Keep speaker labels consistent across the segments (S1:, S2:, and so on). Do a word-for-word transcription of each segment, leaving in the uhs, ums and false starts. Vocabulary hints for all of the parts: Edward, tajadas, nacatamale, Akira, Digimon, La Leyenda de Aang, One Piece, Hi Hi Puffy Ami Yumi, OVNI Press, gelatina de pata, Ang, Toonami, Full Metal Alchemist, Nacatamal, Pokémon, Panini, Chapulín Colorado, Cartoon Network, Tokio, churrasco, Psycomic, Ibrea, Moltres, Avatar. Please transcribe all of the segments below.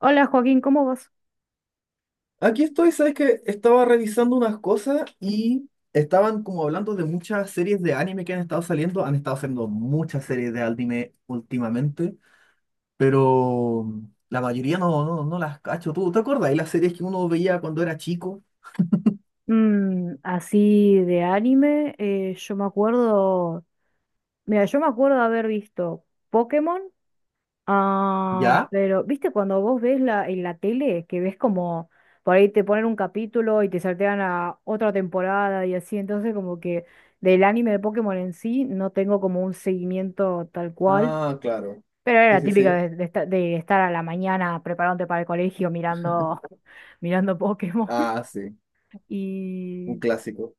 S1: Hola Joaquín, ¿cómo vas?
S2: Aquí estoy, sabes que estaba revisando unas cosas y estaban como hablando de muchas series de anime que han estado saliendo. Han estado saliendo muchas series de anime últimamente, pero la mayoría no, no, no las cacho. ¿Tú te acuerdas de las series que uno veía cuando era chico?
S1: Mm, así de anime, eh, yo me acuerdo, mira, yo me acuerdo de haber visto Pokémon. Ah,
S2: ¿Ya?
S1: pero viste cuando vos ves la, en la tele, que ves como por ahí te ponen un capítulo y te saltean a otra temporada y así, entonces como que del anime de Pokémon en sí no tengo como un seguimiento tal cual,
S2: Ah, claro.
S1: pero era
S2: Sí,
S1: la
S2: sí,
S1: típica
S2: sí.
S1: de, de esta- de estar a la mañana preparándote para el colegio mirando, mirando Pokémon.
S2: Ah, sí. Un
S1: Y
S2: clásico.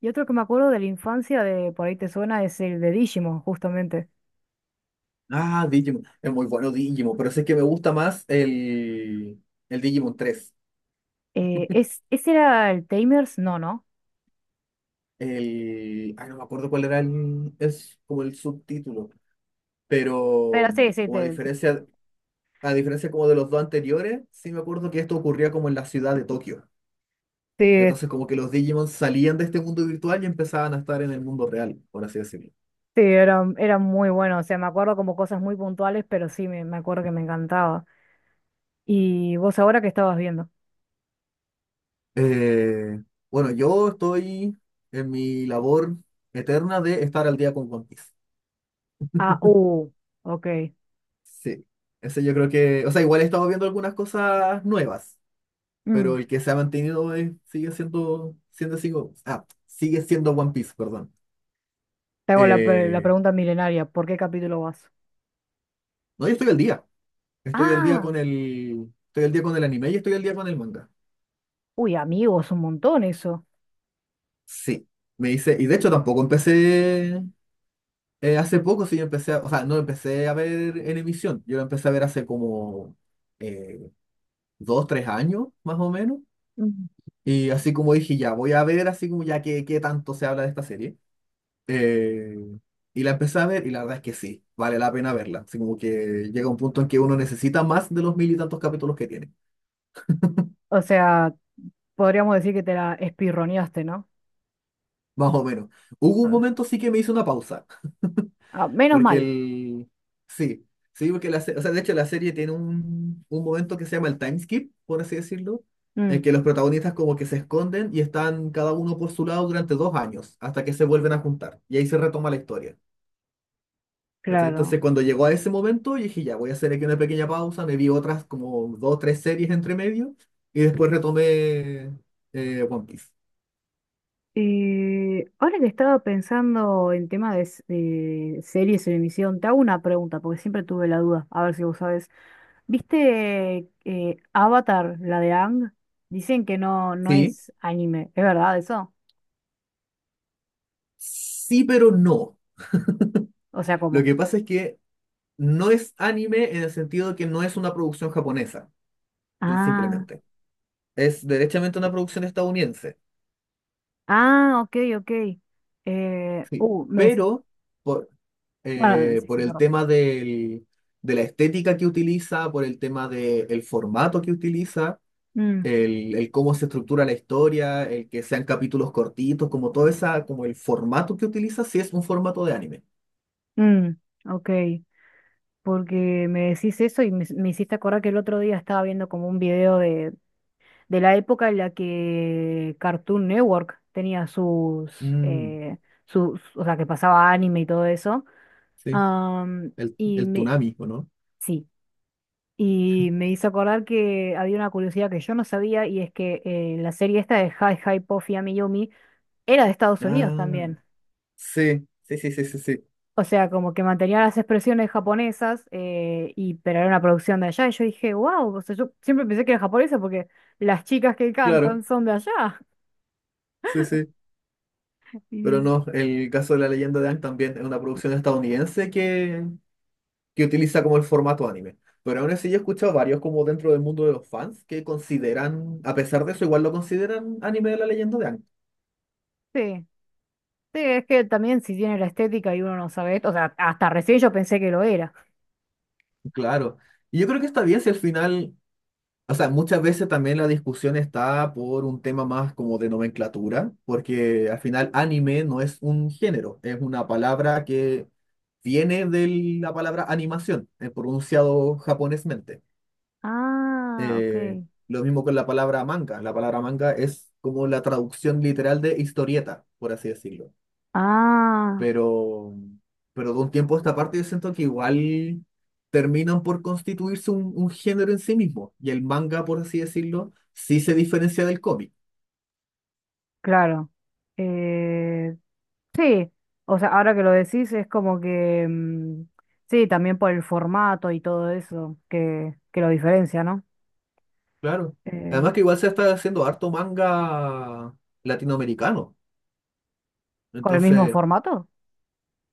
S1: Y otro que me acuerdo de la infancia, de por ahí te suena, es el de Digimon, justamente.
S2: Ah, Digimon. Es muy bueno Digimon, pero sé que me gusta más el, el Digimon tres.
S1: Eh, es, ¿ese era el Tamers? No, ¿no?
S2: El... Ay, no me acuerdo cuál era el... Es como el subtítulo.
S1: Pero
S2: Pero
S1: sí, sí,
S2: como a
S1: te-
S2: diferencia, a diferencia como de los dos anteriores, sí me acuerdo que esto ocurría como en la ciudad de Tokio.
S1: sí, es-
S2: Entonces como que los Digimon salían de este mundo virtual y empezaban a estar en el mundo real, por así decirlo.
S1: sí, era, era muy bueno. O sea, me acuerdo como cosas muy puntuales, pero sí, me, me acuerdo que me encantaba. ¿Y vos ahora qué estabas viendo?
S2: Eh, bueno, yo estoy en mi labor eterna de estar al día con One Piece.
S1: Ah, uh, ok.
S2: Sí, ese yo creo que, o sea, igual he estado viendo algunas cosas nuevas,
S1: Mm,
S2: pero el que se ha mantenido es- sigue siendo, siendo, sigo- ah, sigue siendo One Piece, perdón.
S1: te hago la, pre- la
S2: Eh,
S1: pregunta milenaria, ¿por qué capítulo vas?
S2: no, yo estoy al día. Estoy al día
S1: Ah,
S2: con el, estoy al día con el anime y estoy al día con el manga.
S1: uy, amigos, un montón eso.
S2: Sí. Me hice, y de hecho tampoco empecé eh, hace poco. Sí, yo empecé, a- o sea, no empecé a ver en emisión, yo lo empecé a ver hace como eh, dos, tres años, más o menos,
S1: Mm.
S2: y así como dije, ya voy a ver, así como ya que, qué tanto se habla de esta serie, eh, y la empecé a ver, y la verdad es que sí, vale la pena verla, así como que llega un punto en que uno necesita más de los mil y tantos capítulos que tiene,
S1: O sea, podríamos decir que te la espirroneaste, ¿no?
S2: más o menos. Hubo un
S1: Ah,
S2: momento sí que me hice una pausa.
S1: ah, menos
S2: Porque
S1: mal.
S2: el... Sí, sí, porque la, se- o sea, de hecho la serie tiene un, un momento que se llama el time skip, por así decirlo, en
S1: Mm.
S2: que los protagonistas como que se esconden y están cada uno por su lado durante dos años, hasta que se vuelven a juntar. Y ahí se retoma la historia. ¿Cachai? Entonces
S1: Claro.
S2: cuando llegó a ese momento, yo dije, ya, voy a hacer aquí una pequeña pausa, me vi otras como dos, tres series entre medio, y después retomé eh, One Piece.
S1: Eh, ahora que estaba pensando en tema de, s- de series en emisión, te hago una pregunta, porque siempre tuve la duda, a ver si vos sabés. ¿Viste eh, Avatar, la de Ang? Dicen que no, no
S2: Sí,
S1: es anime, ¿es verdad eso?
S2: sí, pero no.
S1: O sea,
S2: Lo
S1: ¿cómo?
S2: que pasa es que no es anime en el sentido de que no es una producción japonesa,
S1: Ah,
S2: simplemente. Es derechamente una producción estadounidense.
S1: ah, ok, ok. Eh,
S2: Sí.
S1: uh, me decís,
S2: Pero por,
S1: ah,
S2: eh,
S1: sí,
S2: por
S1: sí,
S2: el
S1: perdón.
S2: tema del- de la estética que utiliza, por el tema del formato que utiliza,
S1: Mm,
S2: el, el cómo se estructura la historia, el que sean capítulos cortitos, como todo esa, como el formato que utiliza, sí es un formato de anime.
S1: mm, ok, porque me decís eso y me, me hiciste acordar que el otro día estaba viendo como un video de de la época en la que Cartoon Network tenía sus,
S2: Mm,
S1: eh, sus, o sea, que pasaba anime y todo eso.
S2: sí,
S1: Am,
S2: el,
S1: y
S2: el
S1: me,
S2: Toonami, ¿o no?
S1: sí, y me hizo acordar que había una curiosidad que yo no sabía y es que eh, la serie esta de Hi Hi Puffy Ami Yumi era de Estados Unidos
S2: Ah,
S1: también.
S2: sí, sí, sí, sí, sí, sí,
S1: O sea, como que mantenía las expresiones japonesas, eh, y, pero era una producción de allá. Y yo dije, wow, o sea, yo siempre pensé que era japonesa porque las chicas que
S2: claro,
S1: cantan son de allá.
S2: sí, sí.
S1: Y,
S2: Pero no, el caso de La Leyenda de Aang también es una producción estadounidense que, que utiliza como el formato anime. Pero aún así yo he escuchado varios como dentro del mundo de los fans que consideran, a pesar de eso, igual lo consideran anime de La Leyenda de Aang.
S1: sí. Sí, es que también si tiene la estética y uno no sabe esto, o sea, hasta recién yo pensé que lo era.
S2: Claro. Y yo creo que está bien si al final, o sea, muchas veces también la discusión está por un tema más como de nomenclatura, porque al final anime no es un género, es una palabra que viene de la palabra animación, eh, pronunciado japonesmente.
S1: Ah, ok.
S2: Eh, lo mismo con la palabra manga. La palabra manga es como la traducción literal de historieta, por así decirlo.
S1: Ah,
S2: Pero, pero de un tiempo a esta parte yo siento que igual terminan por constituirse un, un género en sí mismo. Y el manga, por así decirlo, sí se diferencia del cómic.
S1: claro. Eh, sí, o sea, ahora que lo decís es como que, mm, sí, también por el formato y todo eso que, que lo diferencia, ¿no?
S2: Claro. Además
S1: Eh,
S2: que igual se está haciendo harto manga latinoamericano.
S1: con el mismo
S2: Entonces,
S1: formato.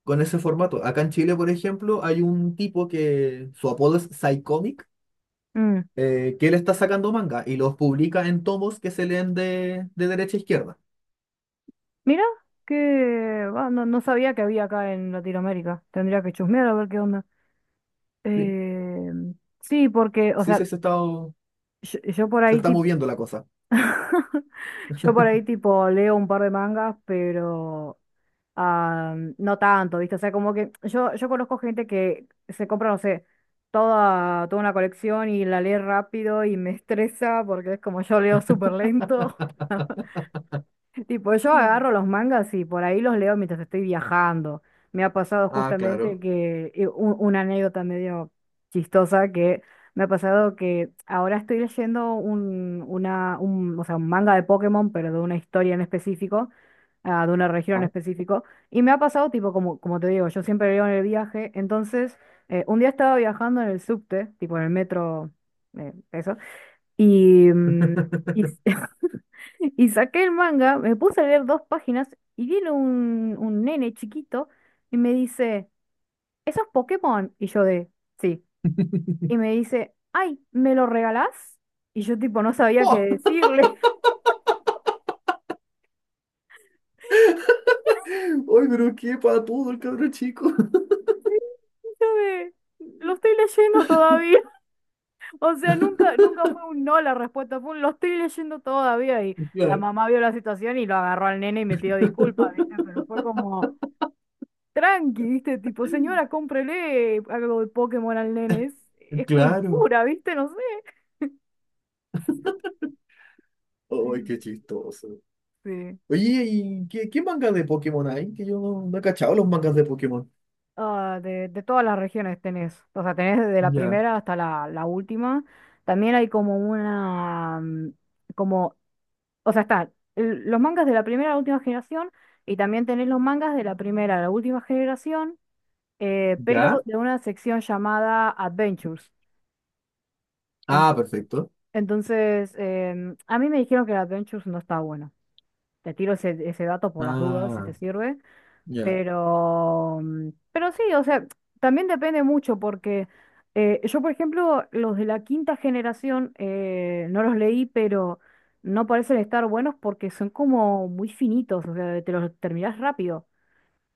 S2: con ese formato. Acá en Chile, por ejemplo, hay un tipo que su apodo es Psycomic,
S1: Mm,
S2: eh, que él está sacando manga y los publica en tomos que se leen de, de derecha a izquierda.
S1: mira, que ah, no, no sabía que había acá en Latinoamérica. Tendría que chusmear a ver qué onda.
S2: Sí,
S1: Eh, sí, porque, o
S2: sí, sí,
S1: sea,
S2: se está,
S1: yo, yo por
S2: se
S1: ahí
S2: está moviendo la cosa.
S1: yo por ahí tipo leo un par de mangas, pero ah, no tanto, ¿viste? O sea, como que yo, yo conozco gente que se compra, no sé, toda, toda una colección y la lee rápido y me estresa porque es como yo leo súper lento. Tipo, yo agarro los mangas y por ahí los leo mientras estoy viajando. Me ha pasado
S2: Ah,
S1: justamente
S2: claro.
S1: que eh, un- una anécdota medio chistosa que me ha pasado que ahora estoy leyendo un, una, un, o sea, un manga de Pokémon, pero de una historia en específico, ah, de una región
S2: Ah.
S1: en específico. Y me ha pasado, tipo, como, como te digo, yo siempre leo en el viaje. Entonces, eh, un día estaba viajando en el subte, tipo en el metro, eh, eso. Y, mm, y, y saqué el manga, me puse a leer dos páginas y viene un, un nene chiquito y me dice, ¿eso es Pokémon? Y yo de, sí. Y me dice, ay, ¿me lo regalás? Y yo tipo no sabía qué
S2: ¡Pah!
S1: decirle.
S2: ¡Ay, pero qué para todo el cabrón chico!
S1: Yo de, lo estoy leyendo todavía. O sea, nunca, nunca fue un no la respuesta, fue un lo estoy leyendo todavía. Y la
S2: Claro,
S1: mamá vio la situación y lo agarró al nene y me pidió disculpas, ¿viste? Pero fue como... tranqui, ¿viste? Tipo, señora, cómprele algo de Pokémon al nene. Es, es
S2: claro.
S1: cultura, ¿viste? No sé. Sí.
S2: ¡Ay, qué chistoso!
S1: Sí.
S2: Oye, ¿y qué, qué manga de Pokémon hay? Que yo no, no he cachado los mangas de Pokémon.
S1: Ah, de, de todas las regiones tenés, o sea, tenés desde la
S2: Ya,
S1: primera hasta la, la última. También hay como una, mm, como, o sea, están los mangas de la primera a la última generación y también tenés los mangas de la primera a la última generación, eh, pero
S2: ya.
S1: de una sección llamada Adventures. Ent-
S2: Ah, perfecto.
S1: Entonces, em, a mí me dijeron que el Adventures no está bueno. Te tiro ese, ese dato por las dudas, si
S2: Ah,
S1: te sirve.
S2: ya,
S1: Pero, mm, pero sí, o sea, también depende mucho porque eh, yo, por ejemplo, los de la quinta generación eh, no los leí, pero no parecen estar buenos porque son como muy finitos, o sea, te los terminás rápido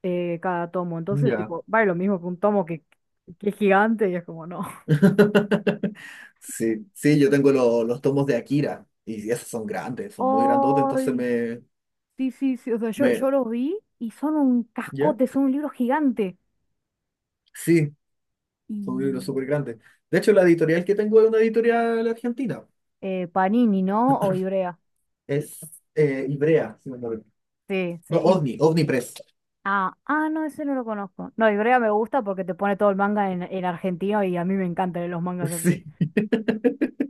S1: eh, cada tomo. Entonces,
S2: ya.
S1: tipo, vale lo mismo que un tomo que, que es gigante y es como, no.
S2: Sí, sí, yo tengo lo- los tomos de Akira y esos son grandes, son muy grandotes, entonces
S1: Ay,
S2: me,
S1: sí, sí, sí, o sea, yo,
S2: me,
S1: yo los vi y son un
S2: ¿ya?
S1: cascote, son un libro gigante.
S2: Sí, son
S1: Y
S2: libros súper grandes. De hecho, la editorial que tengo es una editorial argentina,
S1: eh, Panini, ¿no? O Ibrea.
S2: es eh, Ivrea, si no me equivoco.
S1: Sí, sí.
S2: No,
S1: Ib-
S2: OVNI, OVNI Press.
S1: Ah, ah, no, ese no lo conozco. No, Ibrea me gusta porque te pone todo el manga en, en argentino y a mí me encantan los mangas así.
S2: Sí,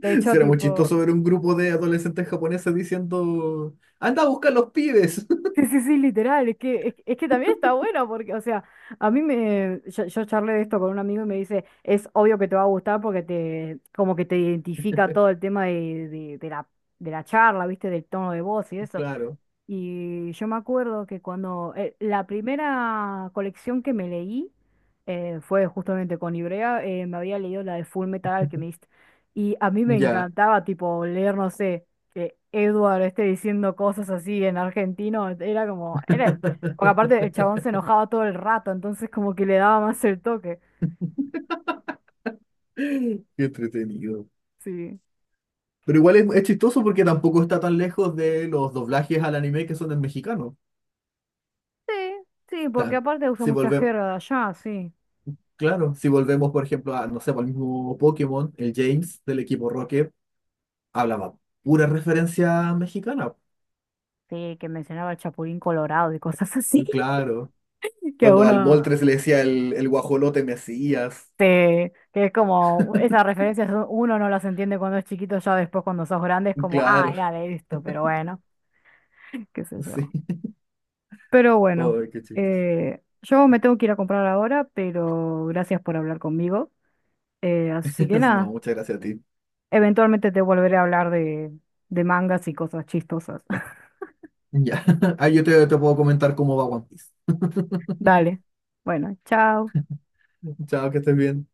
S1: De hecho,
S2: sí, era muy
S1: tipo,
S2: chistoso ver un grupo de adolescentes japoneses diciendo, anda a buscar los pibes.
S1: sí, sí, sí, literal, es que, es, es que también está bueno porque, o sea, a mí me, yo, yo charlé de esto con un amigo y me dice, es obvio que te va a gustar porque te, como que te identifica todo el tema de, de, de la, de la charla, ¿viste? Del tono de voz y eso.
S2: Claro,
S1: Y yo me acuerdo que cuando eh, la primera colección que me leí eh, fue justamente con Ibrea, eh, me había leído la de Full Metal Alchemist. Y a mí me
S2: ya,
S1: encantaba, tipo, leer, no sé, que Edward esté diciendo cosas así en argentino. Era como, era, porque aparte el chabón se enojaba todo el rato, entonces como que le daba más el toque.
S2: qué entretenido.
S1: Sí.
S2: Pero igual es, es chistoso porque tampoco está tan lejos de los doblajes al anime que son en mexicano. O
S1: Sí, sí, porque
S2: sea,
S1: aparte usa
S2: si
S1: mucha
S2: volvemos,
S1: jerga de allá, sí.
S2: claro, si volvemos, por ejemplo, a, no sé, al mismo Pokémon, el James del equipo Rocket hablaba pura referencia mexicana.
S1: Sí, que mencionaba el Chapulín Colorado y cosas así.
S2: Claro.
S1: Que a
S2: Cuando al
S1: uno,
S2: Moltres le decía el, el guajolote Mesías.
S1: sí, que es como, esas referencias u- uno no las entiende cuando es chiquito, ya después cuando sos grande es como, ah,
S2: Claro,
S1: ya de esto, pero bueno, qué sé yo.
S2: sí.
S1: Pero bueno,
S2: Ay, qué chistoso.
S1: eh, yo me tengo que ir a comprar ahora, pero gracias por hablar conmigo. Eh, así que
S2: No,
S1: nada,
S2: muchas gracias a ti.
S1: eventualmente te volveré a hablar de, de mangas y cosas chistosas.
S2: Ya. Ah, yo te, te puedo comentar cómo va One Piece.
S1: Dale, bueno, chao.
S2: Chao, que estés bien.